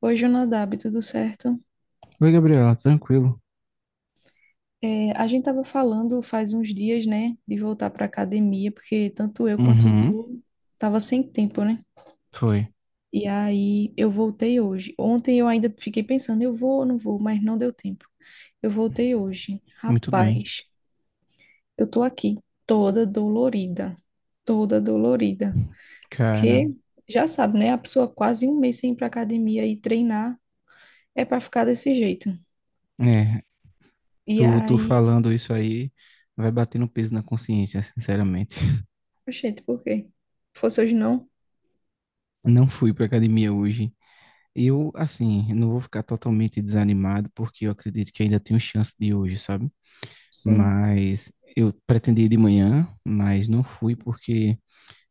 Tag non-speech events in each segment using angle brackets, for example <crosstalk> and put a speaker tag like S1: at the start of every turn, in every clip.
S1: Oi, Jonadab, tudo certo?
S2: Oi, Gabriela, tranquilo?
S1: É, a gente estava falando faz uns dias, né, de voltar para academia, porque tanto eu quanto
S2: Uhum,
S1: tu tava sem tempo, né?
S2: foi.
S1: E aí eu voltei hoje. Ontem eu ainda fiquei pensando, eu vou ou não vou, mas não deu tempo. Eu voltei hoje.
S2: Muito bem.
S1: Rapaz, eu tô aqui toda dolorida, toda dolorida.
S2: Cara,
S1: Porque já sabe, né? A pessoa quase um mês sem ir pra academia e treinar é para ficar desse jeito.
S2: é,
S1: E
S2: tu
S1: aí,
S2: falando isso aí vai batendo peso na consciência, sinceramente. <laughs>
S1: gente, por quê? Fosse hoje não.
S2: Não fui pra academia hoje. Eu, assim, não vou ficar totalmente desanimado, porque eu acredito que ainda tenho chance de hoje, sabe?
S1: Sim,
S2: Mas eu pretendia ir de manhã, mas não fui porque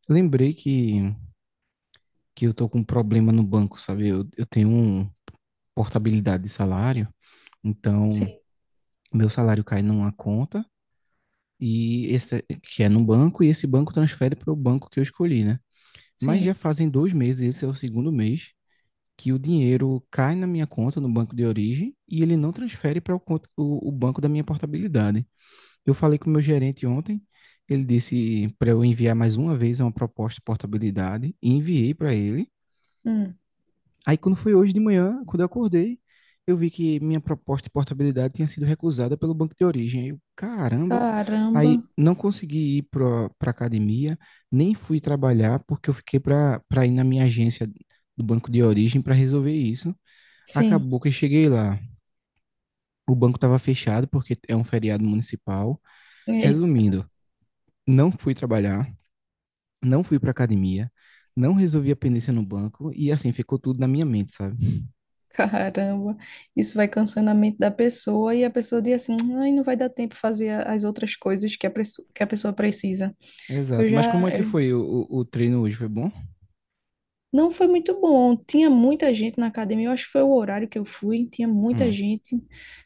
S2: lembrei que eu tô com um problema no banco, sabe? Eu tenho um portabilidade de salário, então
S1: sim,
S2: meu salário cai numa conta. E esse é, que é num banco e esse banco transfere para o banco que eu escolhi, né? Mas já
S1: sim.
S2: fazem 2 meses, esse é o segundo mês, que o dinheiro cai na minha conta no banco de origem e ele não transfere para banco da minha portabilidade. Eu falei com o meu gerente ontem, ele disse para eu enviar mais uma vez uma proposta de portabilidade e enviei para ele.
S1: Hum,
S2: Aí quando foi hoje de manhã, quando eu acordei, eu vi que minha proposta de portabilidade tinha sido recusada pelo banco de origem. Aí eu, caramba!
S1: caramba,
S2: Aí não consegui ir para a academia, nem fui trabalhar, porque eu fiquei para ir na minha agência do banco de origem para resolver isso.
S1: sim.
S2: Acabou que eu cheguei lá. O banco estava fechado porque é um feriado municipal.
S1: Eita,
S2: Resumindo, não fui trabalhar, não fui para academia, não resolvi a pendência no banco e assim ficou tudo na minha mente, sabe?
S1: <laughs> caramba. Isso vai cansando a mente da pessoa e a pessoa diz assim, ai, não vai dar tempo fazer as outras coisas que a pessoa precisa. Eu
S2: Exato. Mas como
S1: já,
S2: é que
S1: eu
S2: foi o treino hoje? Foi bom?
S1: Não foi muito bom. Tinha muita gente na academia. Eu acho que foi o horário que eu fui. Tinha muita
S2: Hum,
S1: gente.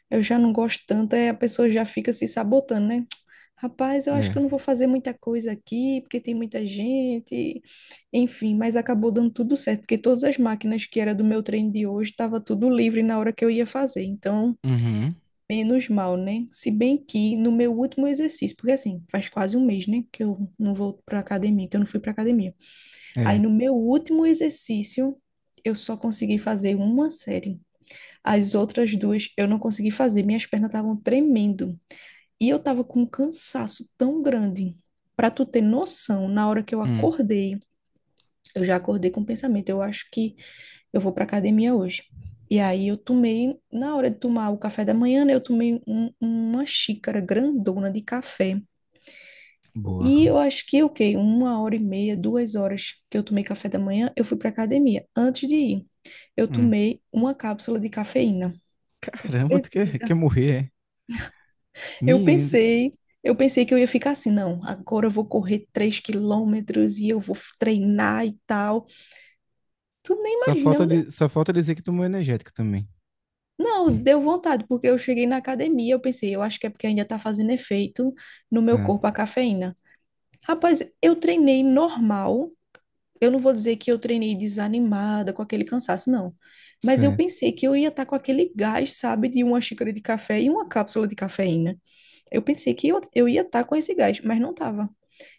S1: Eu já não gosto tanto. Aí a pessoa já fica se sabotando, né? Rapaz, eu acho que eu não
S2: é.
S1: vou fazer muita coisa aqui, porque tem muita gente. Enfim, mas acabou dando tudo certo, porque todas as máquinas que era do meu treino de hoje estava tudo livre na hora que eu ia fazer. Então,
S2: Uhum.
S1: menos mal, né? Se bem que no meu último exercício, porque assim, faz quase um mês, né, que eu não volto para academia, que eu não fui para academia. Aí
S2: É.
S1: no meu último exercício, eu só consegui fazer uma série. As outras duas eu não consegui fazer, minhas pernas estavam tremendo. E eu tava com um cansaço tão grande. Pra tu ter noção, na hora que eu
S2: Hum.
S1: acordei, eu já acordei com o pensamento, eu acho que eu vou pra academia hoje. E aí eu tomei, na hora de tomar o café da manhã, né, eu tomei uma xícara grandona de café
S2: Boa.
S1: e eu acho que, o quê? 1 hora e meia, 2 horas que eu tomei café da manhã, eu fui para academia. Antes de ir, eu
S2: Hum.
S1: tomei uma cápsula de cafeína.
S2: Caramba, tu quer, quer
S1: Acredita?
S2: morrer, é?
S1: Eu
S2: Menino,
S1: pensei, eu pensei que eu ia ficar assim, não, agora eu vou correr 3 km e eu vou treinar e tal. Tu nem
S2: só
S1: imagina,
S2: falta,
S1: né?
S2: só falta dizer que tomou energético também.
S1: Não, deu vontade, porque eu cheguei na academia, eu pensei, eu acho que é porque ainda tá fazendo efeito no meu
S2: É,
S1: corpo a cafeína. Rapaz, eu treinei normal. Eu não vou dizer que eu treinei desanimada, com aquele cansaço, não. Mas eu
S2: certo.
S1: pensei que eu ia estar com aquele gás, sabe, de uma xícara de café e uma cápsula de cafeína. Eu pensei que eu ia estar com esse gás, mas não estava.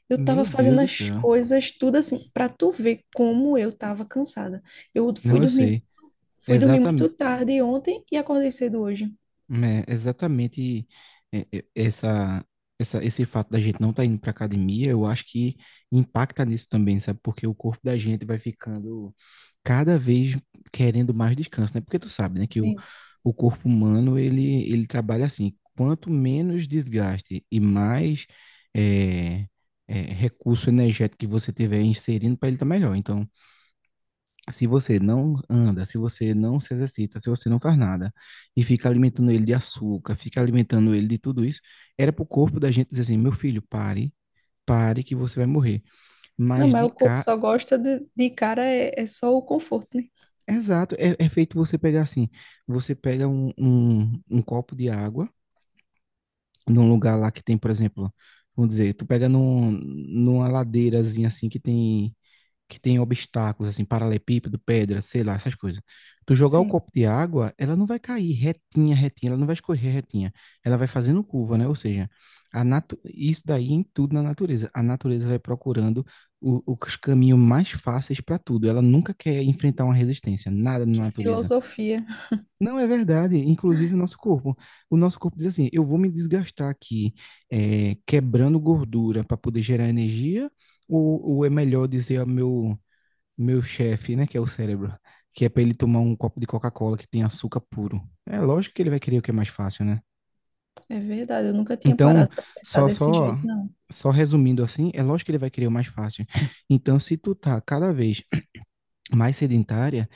S1: Eu estava
S2: Meu
S1: fazendo
S2: Deus do
S1: as
S2: céu.
S1: coisas tudo assim, para tu ver como eu estava cansada. Eu fui
S2: Não, eu
S1: dormir,
S2: sei.
S1: fui dormir muito tarde ontem e acordei cedo hoje.
S2: É exatamente é, é, esse fato da gente não estar indo para academia, eu acho que impacta nisso também, sabe? Porque o corpo da gente vai ficando cada vez querendo mais descanso, né? Porque tu sabe, né, que
S1: Sim.
S2: o corpo humano, ele trabalha assim, quanto menos desgaste e mais é, recurso energético que você tiver inserindo para ele estar melhor. Então, se você não anda, se você não se exercita, se você não faz nada e fica alimentando ele de açúcar, fica alimentando ele de tudo isso, era pro corpo da gente dizer assim: meu filho, pare, pare que você vai morrer.
S1: Não,
S2: Mas
S1: mas
S2: de
S1: o corpo
S2: cá,
S1: só gosta de cara, é só o conforto, né?
S2: exato, é, é feito você pegar assim: você pega um copo de água num lugar lá que tem, por exemplo, vamos dizer, tu pega numa ladeirazinha assim que tem obstáculos, assim, paralelepípedo, pedra, sei lá, essas coisas. Tu jogar o
S1: Sim.
S2: copo de água, ela não vai cair retinha, retinha, ela não vai escorrer retinha. Ela vai fazendo curva, né? Ou seja, isso daí em tudo na natureza. A natureza vai procurando os caminhos mais fáceis para tudo. Ela nunca quer enfrentar uma resistência, nada na
S1: Que
S2: natureza.
S1: filosofia.
S2: Não é verdade, inclusive o nosso corpo. O nosso corpo diz assim: eu vou me desgastar aqui, quebrando gordura para poder gerar energia, ou é melhor dizer ao meu chefe, né, que é o cérebro, que é para ele tomar um copo de Coca-Cola que tem açúcar puro. É lógico que ele vai querer o que é mais fácil, né?
S1: É verdade, eu nunca tinha
S2: Então,
S1: parado para pensar
S2: só
S1: desse
S2: só
S1: jeito, não.
S2: só resumindo assim, é lógico que ele vai querer o mais fácil. Então, se tu tá cada vez mais sedentária,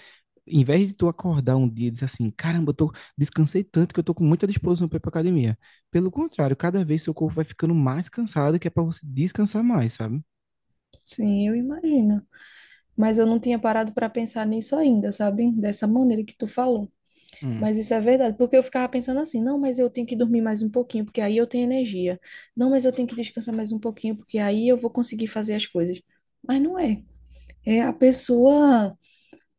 S2: em vez de tu acordar um dia e dizer assim, caramba, eu tô, descansei tanto que eu tô com muita disposição para ir pra academia. Pelo contrário, cada vez seu corpo vai ficando mais cansado, que é para você descansar mais, sabe?
S1: Sim, eu imagino. Mas eu não tinha parado para pensar nisso ainda, sabe? Dessa maneira que tu falou.
S2: Hum,
S1: Mas isso é verdade, porque eu ficava pensando assim, não, mas eu tenho que dormir mais um pouquinho, porque aí eu tenho energia. Não, mas eu tenho que descansar mais um pouquinho, porque aí eu vou conseguir fazer as coisas. Mas não é. É a pessoa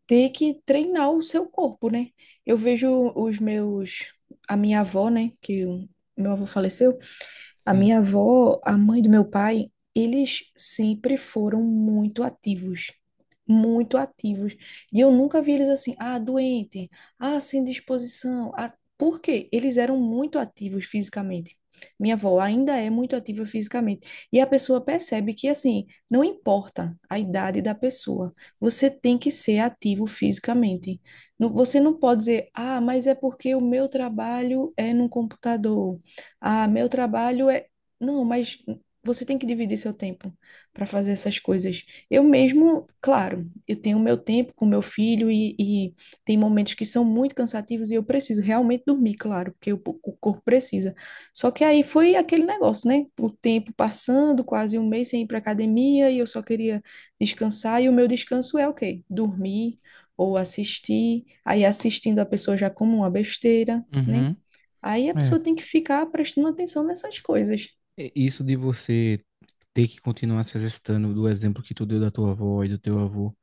S1: ter que treinar o seu corpo, né? Eu vejo a minha avó, né, que o meu avô faleceu. A
S2: sim.
S1: minha avó, a mãe do meu pai, eles sempre foram muito ativos, muito ativos. E eu nunca vi eles assim, ah, doente, ah, sem disposição. Ah, por quê? Eles eram muito ativos fisicamente. Minha avó ainda é muito ativa fisicamente. E a pessoa percebe que, assim, não importa a idade da pessoa, você tem que ser ativo fisicamente. Você não pode dizer, ah, mas é porque o meu trabalho é num computador. Ah, meu trabalho é. Não, mas você tem que dividir seu tempo para fazer essas coisas. Eu mesmo, claro, eu tenho meu tempo com meu filho e tem momentos que são muito cansativos e eu preciso realmente dormir, claro, porque o corpo precisa. Só que aí foi aquele negócio, né? O tempo passando, quase um mês sem ir para academia e eu só queria descansar e o meu descanso é o quê? Dormir ou assistir. Aí assistindo a pessoa já como uma besteira, né?
S2: Uhum.
S1: Aí a
S2: É.
S1: pessoa tem que ficar prestando atenção nessas coisas.
S2: É, isso de você ter que continuar se exercitando do exemplo que tu deu da tua avó e do teu avô,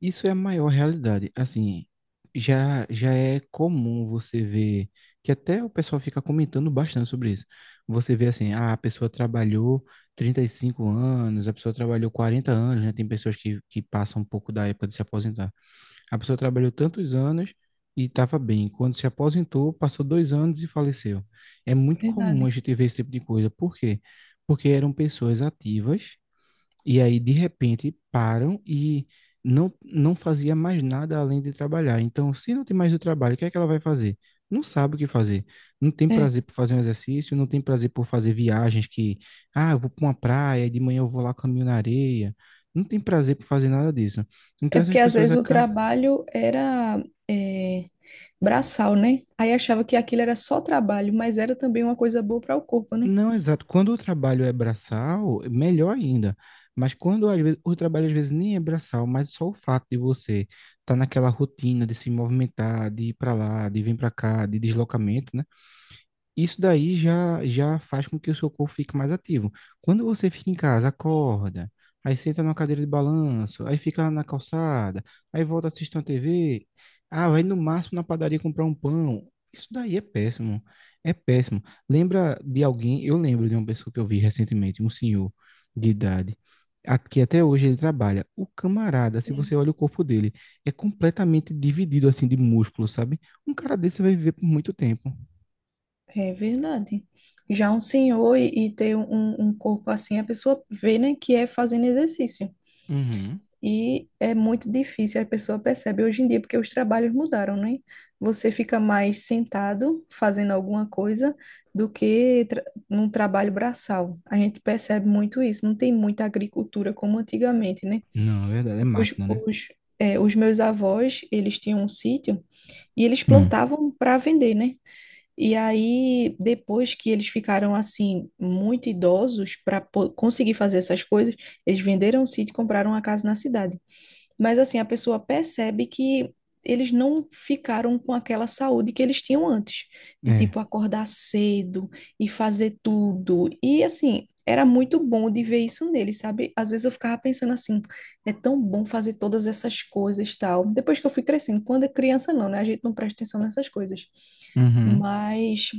S2: isso é a maior realidade. Assim, já é comum você ver que até o pessoal fica comentando bastante sobre isso. Você vê assim, ah, a pessoa trabalhou 35 anos, a pessoa trabalhou 40 anos, né? Tem pessoas que passam um pouco da época de se aposentar. A pessoa trabalhou tantos anos e estava bem. Quando se aposentou, passou 2 anos e faleceu. É muito comum
S1: Verdade.
S2: a gente ver esse tipo de coisa. Por quê? Porque eram pessoas ativas e aí, de repente, param e não fazia mais nada além de trabalhar. Então, se não tem mais o trabalho, o que é que ela vai fazer? Não sabe o que fazer. Não tem
S1: É.
S2: prazer por fazer um exercício, não tem prazer por fazer viagens que, ah, eu vou para uma praia, de manhã eu vou lá caminho na areia. Não tem prazer por fazer nada disso.
S1: É
S2: Então, essas
S1: porque às
S2: pessoas
S1: vezes o
S2: aca
S1: trabalho era é, braçal, né? Aí achava que aquilo era só trabalho, mas era também uma coisa boa para o corpo, né?
S2: Não, exato. Quando o trabalho é braçal, melhor ainda. Mas quando às vezes, o trabalho às vezes nem é braçal, mas só o fato de você estar naquela rotina de se movimentar, de ir para lá, de vir para cá, de deslocamento, né? Isso daí já faz com que o seu corpo fique mais ativo. Quando você fica em casa, acorda, aí senta numa cadeira de balanço, aí fica na calçada, aí volta assistir uma TV, ah, vai no máximo na padaria comprar um pão. Isso daí é péssimo, é péssimo. Lembra de alguém, eu lembro de uma pessoa que eu vi recentemente, um senhor de idade, que até hoje ele trabalha. O camarada, se
S1: Sim.
S2: você olha o corpo dele, é completamente dividido assim de músculo, sabe? Um cara desse vai viver por muito tempo.
S1: É verdade. Já um senhor e ter um corpo assim, a pessoa vê, né, que é fazendo exercício.
S2: Uhum.
S1: E é muito difícil, a pessoa percebe hoje em dia, porque os trabalhos mudaram, né? Você fica mais sentado fazendo alguma coisa do que tra num trabalho braçal. A gente percebe muito isso, não tem muita agricultura como antigamente, né?
S2: Não, é verdade, é
S1: Tipo, os,
S2: máquina, né?
S1: os, é, os meus avós, eles tinham um sítio e eles
S2: Hum.
S1: plantavam para vender, né? E aí, depois que eles ficaram assim, muito idosos para conseguir fazer essas coisas, eles venderam o sítio e compraram uma casa na cidade. Mas assim, a pessoa percebe que eles não ficaram com aquela saúde que eles tinham antes, de
S2: É.
S1: tipo acordar cedo e fazer tudo. E assim, era muito bom de ver isso neles, sabe? Às vezes eu ficava pensando assim, é tão bom fazer todas essas coisas, tal. Depois que eu fui crescendo, quando é criança não, né? A gente não presta atenção nessas coisas.
S2: Uhum.
S1: Mas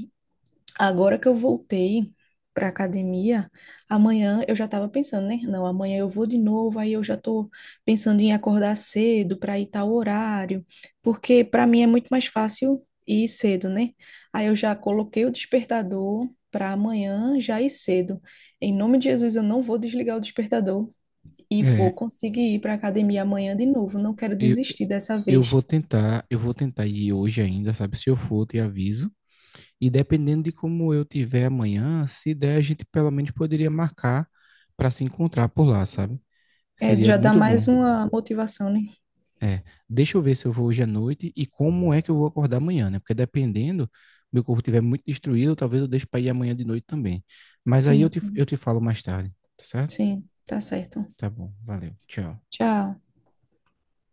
S1: agora que eu voltei para academia, amanhã eu já estava pensando, né? Não, amanhã eu vou de novo, aí eu já estou pensando em acordar cedo para ir tal horário, porque para mim é muito mais fácil ir cedo, né? Aí eu já coloquei o despertador para amanhã já ir cedo. Em nome de Jesus, eu não vou desligar o despertador e vou
S2: É.
S1: conseguir ir para academia amanhã de novo. Não quero
S2: Eu,
S1: desistir dessa vez.
S2: vou tentar, eu vou tentar ir hoje ainda, sabe? Se eu for, eu te aviso. E dependendo de como eu tiver amanhã, se der, a gente pelo menos poderia marcar para se encontrar por lá, sabe?
S1: É,
S2: Seria
S1: já dá
S2: muito
S1: mais
S2: bom.
S1: uma motivação, né?
S2: É. Deixa eu ver se eu vou hoje à noite e como é que eu vou acordar amanhã, né? Porque dependendo, meu corpo estiver muito destruído, talvez eu deixe para ir amanhã de noite também. Mas aí eu
S1: Sim,
S2: eu te falo mais tarde, tá certo?
S1: sim, tá certo.
S2: Tá bom, valeu. Tchau.
S1: Tchau.